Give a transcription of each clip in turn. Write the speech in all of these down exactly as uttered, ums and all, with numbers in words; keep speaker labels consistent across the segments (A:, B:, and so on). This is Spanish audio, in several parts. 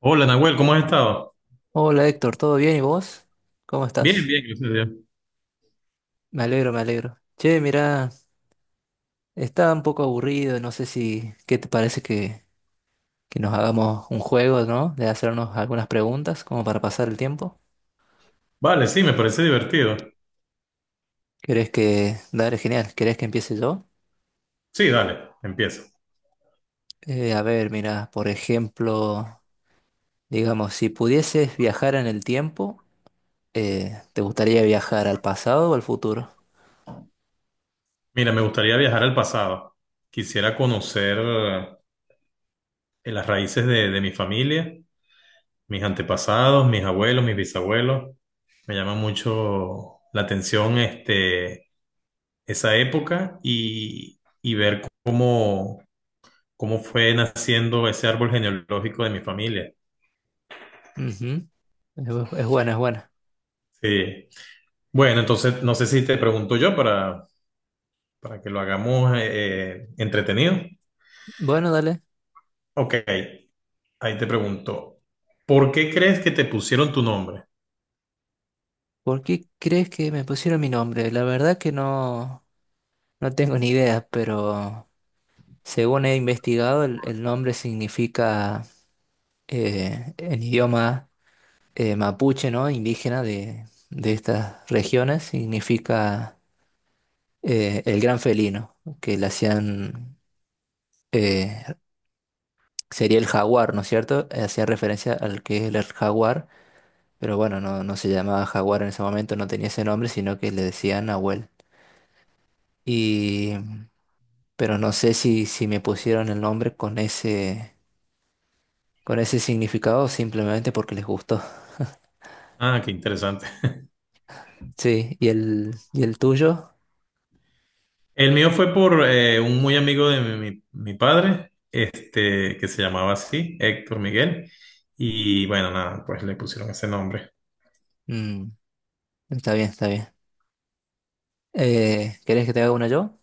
A: Hola, Nahuel, ¿cómo has estado?
B: Hola Héctor, ¿todo bien? ¿Y vos? ¿Cómo
A: Bien,
B: estás?
A: bien, gracias a Dios.
B: Me alegro, me alegro. Che, mira, estaba un poco aburrido, no sé si, ¿qué te parece que, que nos hagamos un juego, ¿no? De hacernos algunas preguntas como para pasar el tiempo.
A: Vale, sí, me parece divertido.
B: ¿Querés que... Dale, genial, ¿querés que empiece yo?
A: Sí, dale, empiezo.
B: Eh, a ver, mira, por ejemplo, digamos, si pudieses viajar en el tiempo, eh, ¿te gustaría viajar al pasado o al futuro?
A: Mira, me gustaría viajar al pasado. Quisiera conocer eh, las raíces de, de mi familia, mis antepasados, mis abuelos, mis bisabuelos. Me llama mucho la atención este, esa época y, y ver cómo, cómo fue naciendo ese árbol genealógico de mi familia.
B: Ujú. Es, bu- es buena, es buena.
A: Sí. Bueno, entonces no sé si te pregunto yo para para que lo hagamos eh, entretenido.
B: Bueno, dale.
A: Ok, ahí te pregunto, ¿por qué crees que te pusieron tu nombre?
B: ¿Por qué crees que me pusieron mi nombre? La verdad que no, no tengo ni idea, pero según he investigado, el, el nombre significa eh, en idioma eh, mapuche, ¿no? Indígena de, de estas regiones, significa eh, el gran felino, que le hacían, eh, sería el jaguar, ¿no es cierto? Hacía referencia al que es el jaguar, pero bueno, no, no se llamaba jaguar en ese momento, no tenía ese nombre, sino que le decían Nahuel. Y. Pero no sé si, si me pusieron el nombre con ese, con ese significado o simplemente porque les gustó.
A: Ah, qué interesante.
B: Sí, ¿y el, ¿y el tuyo?
A: El mío fue por eh, un muy amigo de mi, mi- mi padre, este, que se llamaba así, Héctor Miguel. Y bueno, nada, pues le pusieron ese nombre.
B: Mm, está bien, está bien. Eh, ¿querés que te haga una yo?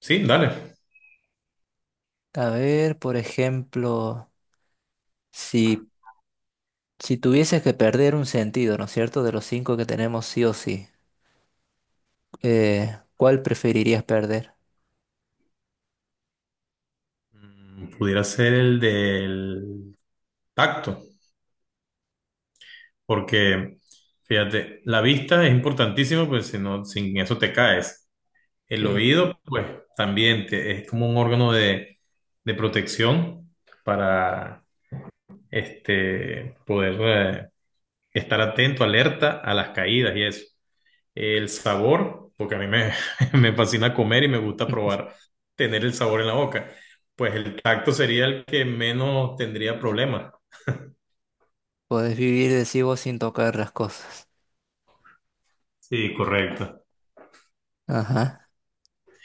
A: Sí, dale.
B: A ver, por ejemplo, si, si tuvieses que perder un sentido, ¿no es cierto? De los cinco que tenemos sí o sí, eh, ¿cuál preferirías perder?
A: Mm, Pudiera ser el del tacto, porque fíjate, la vista es importantísima, pues si no, sin eso te caes. El
B: Sí.
A: oído, pues también te- es como un órgano de, de protección para este, poder eh, estar atento, alerta a las caídas y eso. El sabor, porque a mí me, me fascina comer y me gusta probar, tener el sabor en la boca. Pues el tacto sería el que menos tendría problemas.
B: Podés vivir, decís vos, sin tocar las cosas.
A: Sí, correcto.
B: Ajá.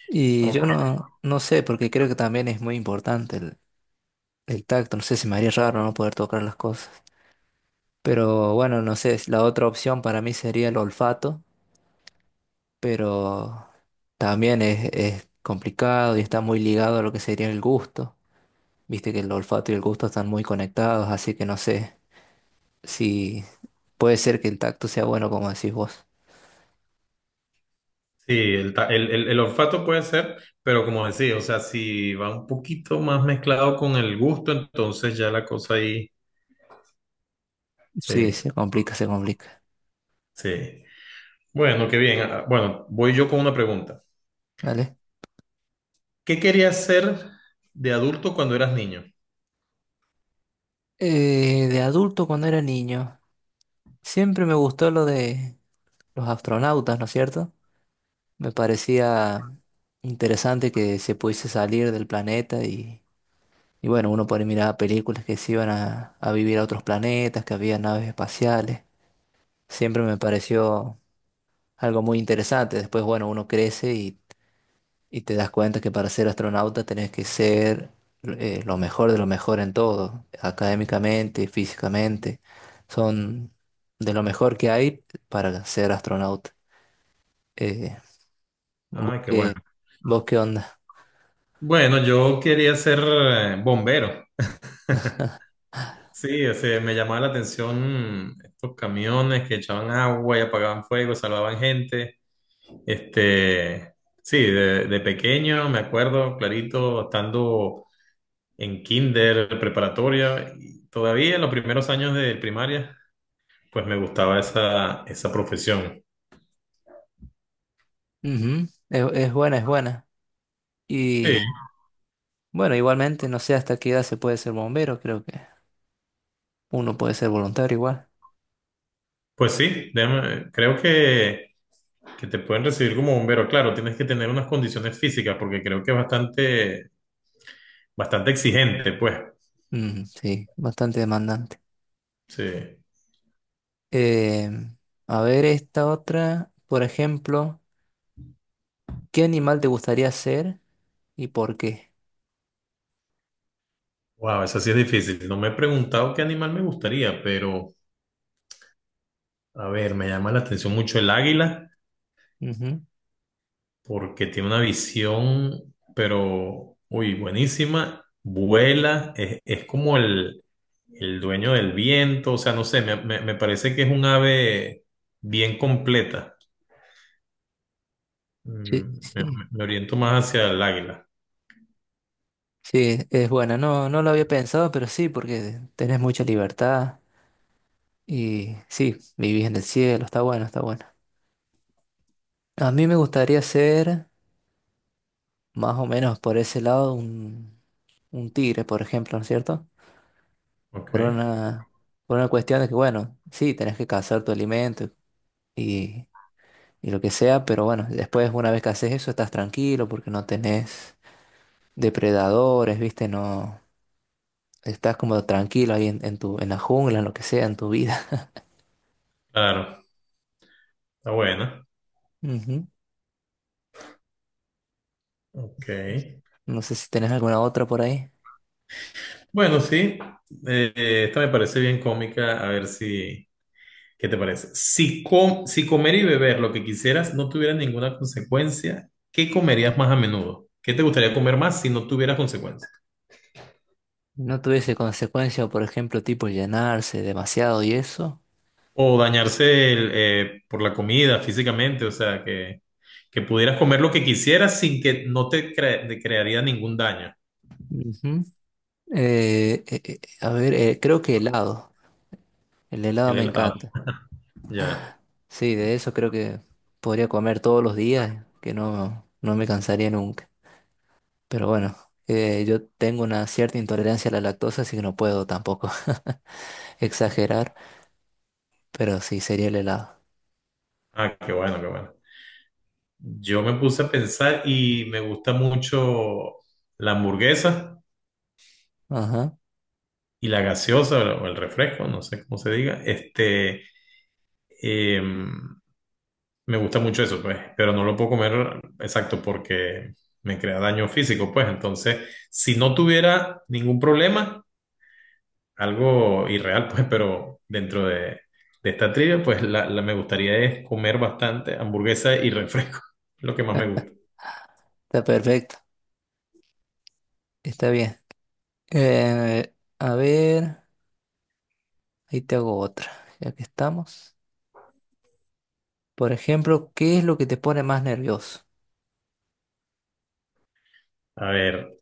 B: Y yo no, no sé, porque creo que también es muy importante el, el tacto, no sé, se me haría raro no poder tocar las cosas. Pero bueno, no sé, la otra opción para mí sería el olfato, pero también es, es complicado y está muy ligado a lo que sería el gusto. Viste que el olfato y el gusto están muy conectados, así que no sé si puede ser que el tacto sea bueno como decís vos.
A: Sí, el, ta- el, el- el olfato puede ser, pero como decía, o sea, si va un poquito más mezclado con el gusto, entonces ya la cosa ahí,
B: Sí,
A: sí,
B: se complica, se complica.
A: sí. Bueno, qué bien. Ah, bueno, voy yo con una pregunta.
B: ¿Vale?
A: ¿Qué querías ser de adulto cuando eras niño?
B: Eh, de adulto cuando era niño, siempre me gustó lo de los astronautas, ¿no es cierto? Me parecía interesante que se pudiese salir del planeta y, y bueno, uno por ahí miraba películas que se iban a, a vivir a otros planetas, que había naves espaciales. Siempre me pareció algo muy interesante. Después, bueno, uno crece y, y te das cuenta que para ser astronauta tenés que ser eh, lo mejor de lo mejor en todo, académicamente, físicamente. Son de lo mejor que hay para ser astronauta. Eh, ¿Vos
A: Ay, qué bueno.
B: qué, vos qué onda?
A: Bueno, yo quería ser eh, bombero. Sí, o sea, me llamaba la atención mm, estos camiones que echaban agua y apagaban fuego, salvaban gente. Este, sí, de, de pequeño me acuerdo clarito estando en kinder, preparatoria, y todavía en los primeros años de primaria, pues me gustaba esa, esa profesión.
B: Ujú. Es, es buena, es buena.
A: Sí,
B: Y bueno, igualmente, no sé hasta qué edad se puede ser bombero, creo que uno puede ser voluntario igual.
A: pues sí, déjame- creo que, que te pueden recibir como bombero. Claro, tienes que tener unas condiciones físicas porque creo que es bastante, bastante exigente, pues.
B: Mm, sí, bastante demandante.
A: Sí.
B: Eh, a ver esta otra, por ejemplo, ¿qué animal te gustaría ser y por qué?
A: Wow, eso sí es difícil. No me he preguntado qué animal me gustaría, pero a ver, me llama la atención mucho el águila.
B: Ujú.
A: Porque tiene una visión, pero, uy, buenísima, vuela, es, es como el, el dueño del viento, o sea, no sé, me, me- me parece que es un ave bien completa.
B: Sí,
A: Mm, Me,
B: sí,
A: me- me oriento más hacia el águila,
B: sí, es buena. No, no lo había pensado, pero sí, porque tenés mucha libertad y sí, vivís en el cielo, está bueno, está bueno. A mí me gustaría ser... más o menos por ese lado un, un tigre, por ejemplo, ¿no es cierto?
A: ok,
B: Por una, por una cuestión de que, bueno, sí, tenés que cazar tu alimento y, y lo que sea, pero bueno, después una vez que haces eso estás tranquilo porque no tenés depredadores, ¿viste? No, estás como tranquilo ahí en, en tu, en la jungla, en lo que sea, en tu vida.
A: claro, está buena,
B: Ujú.
A: ok.
B: No sé si tenés alguna otra por ahí.
A: Bueno, sí, eh, eh, esta me parece bien cómica, a ver si... ¿Qué te parece? Si, com- si comer y beber lo que quisieras no tuviera ninguna consecuencia, ¿qué comerías más a menudo? ¿Qué te gustaría comer más si no tuviera consecuencias?
B: No tuviese consecuencia, por ejemplo, tipo llenarse demasiado y eso.
A: O dañarse el, eh, por la comida físicamente, o sea, que, que pudieras comer lo que quisieras sin que no te, cre- te crearía ningún daño.
B: Ujú. Eh, eh, eh, a ver, eh, creo que helado. El helado
A: El
B: me
A: helado.
B: encanta.
A: Ya.
B: Sí, de eso creo que podría comer todos los días, que no, no me cansaría nunca. Pero bueno, eh, yo tengo una cierta intolerancia a la lactosa, así que no puedo tampoco exagerar, pero sí, sería el helado.
A: Ah, qué bueno, qué bueno. Yo me puse a pensar y me gusta mucho la hamburguesa
B: Ajá,
A: y la gaseosa o el refresco, no sé cómo se diga. Este. Eh, me gusta mucho eso, pues, pero no lo puedo comer exacto porque me crea daño físico, pues. Entonces, si no tuviera ningún problema, algo irreal, pues, pero dentro de, de esta trivia, pues la, la- me gustaría es comer bastante hamburguesa y refresco, lo que más me gusta.
B: está perfecto, está bien. Eh, a ver, ahí te hago otra, ya que estamos. Por ejemplo, ¿qué es lo que te pone más nervioso?
A: A ver,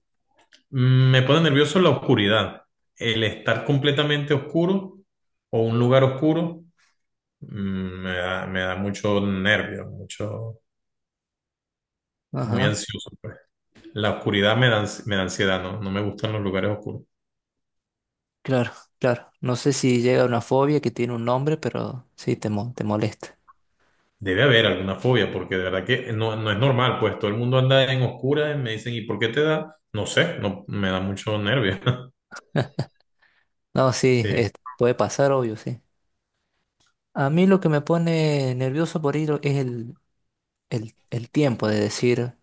A: mm, me pone nervioso la oscuridad, el estar completamente oscuro o un lugar oscuro, mm, me da, me da mucho nervio, mucho, muy
B: Ajá.
A: ansioso, pues. La oscuridad me da, ans- me da ansiedad, ¿no? No me gustan los lugares oscuros.
B: Claro, claro. No sé si llega una fobia que tiene un nombre, pero sí, te, mo- te molesta.
A: Debe haber alguna fobia, porque de verdad que no, no es normal, pues todo el mundo anda en oscuras y me dicen, ¿y por qué te da? No sé, no, me da mucho nervio.
B: No, sí,
A: Sí,
B: es- Puede pasar, obvio, sí. A mí lo que me pone nervioso por ir es el, el, el tiempo de decir,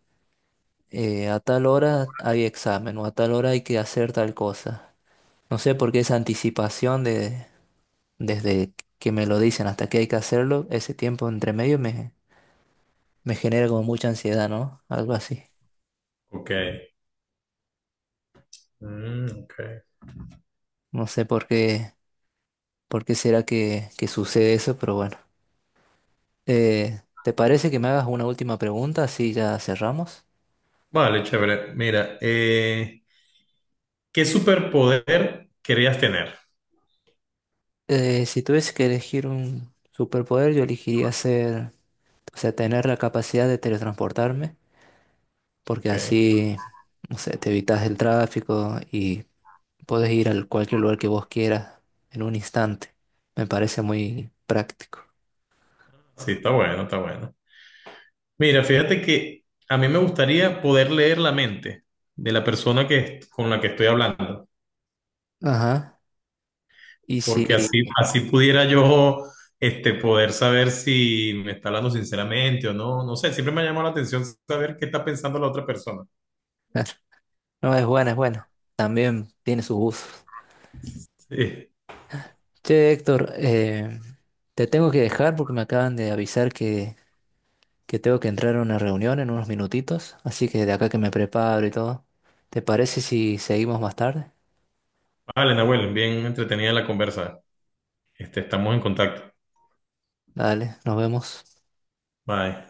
B: eh, a tal hora hay examen o a tal hora hay que hacer tal cosa. No sé por qué esa anticipación de, desde que me lo dicen hasta que hay que hacerlo, ese tiempo entre medio me, me genera como mucha ansiedad, ¿no? Algo así.
A: ok. Mm, ok.
B: No sé por qué, por qué será que, que sucede eso, pero bueno. Eh, ¿te parece que me hagas una última pregunta? Así ya cerramos.
A: Vale, chévere. Mira, eh, ¿qué superpoder querías tener?
B: Eh, si tuviese que elegir un superpoder, yo elegiría ser, o sea, tener la capacidad de teletransportarme, porque
A: Ok.
B: así, no sé, te evitas el tráfico y puedes ir a cualquier lugar que vos quieras en un instante. Me parece muy práctico.
A: Sí, está bueno, está bueno. Mira, fíjate que a mí me gustaría poder leer la mente de la persona que, con la que estoy hablando.
B: Ajá. Y si...
A: Porque así, así pudiera yo este, poder saber si me está hablando sinceramente o no. No sé, siempre me ha llamado la atención saber qué está pensando la otra persona.
B: No, es buena, es buena. También tiene sus usos.
A: Sí.
B: Che, Héctor, eh, te tengo que dejar porque me acaban de avisar que que tengo que entrar a una reunión en unos minutitos, así que de acá que me preparo y todo. ¿Te parece si seguimos más tarde?
A: Vale, Nahuel, bien entretenida la conversa. Este, estamos en contacto.
B: Dale, nos vemos.
A: Bye.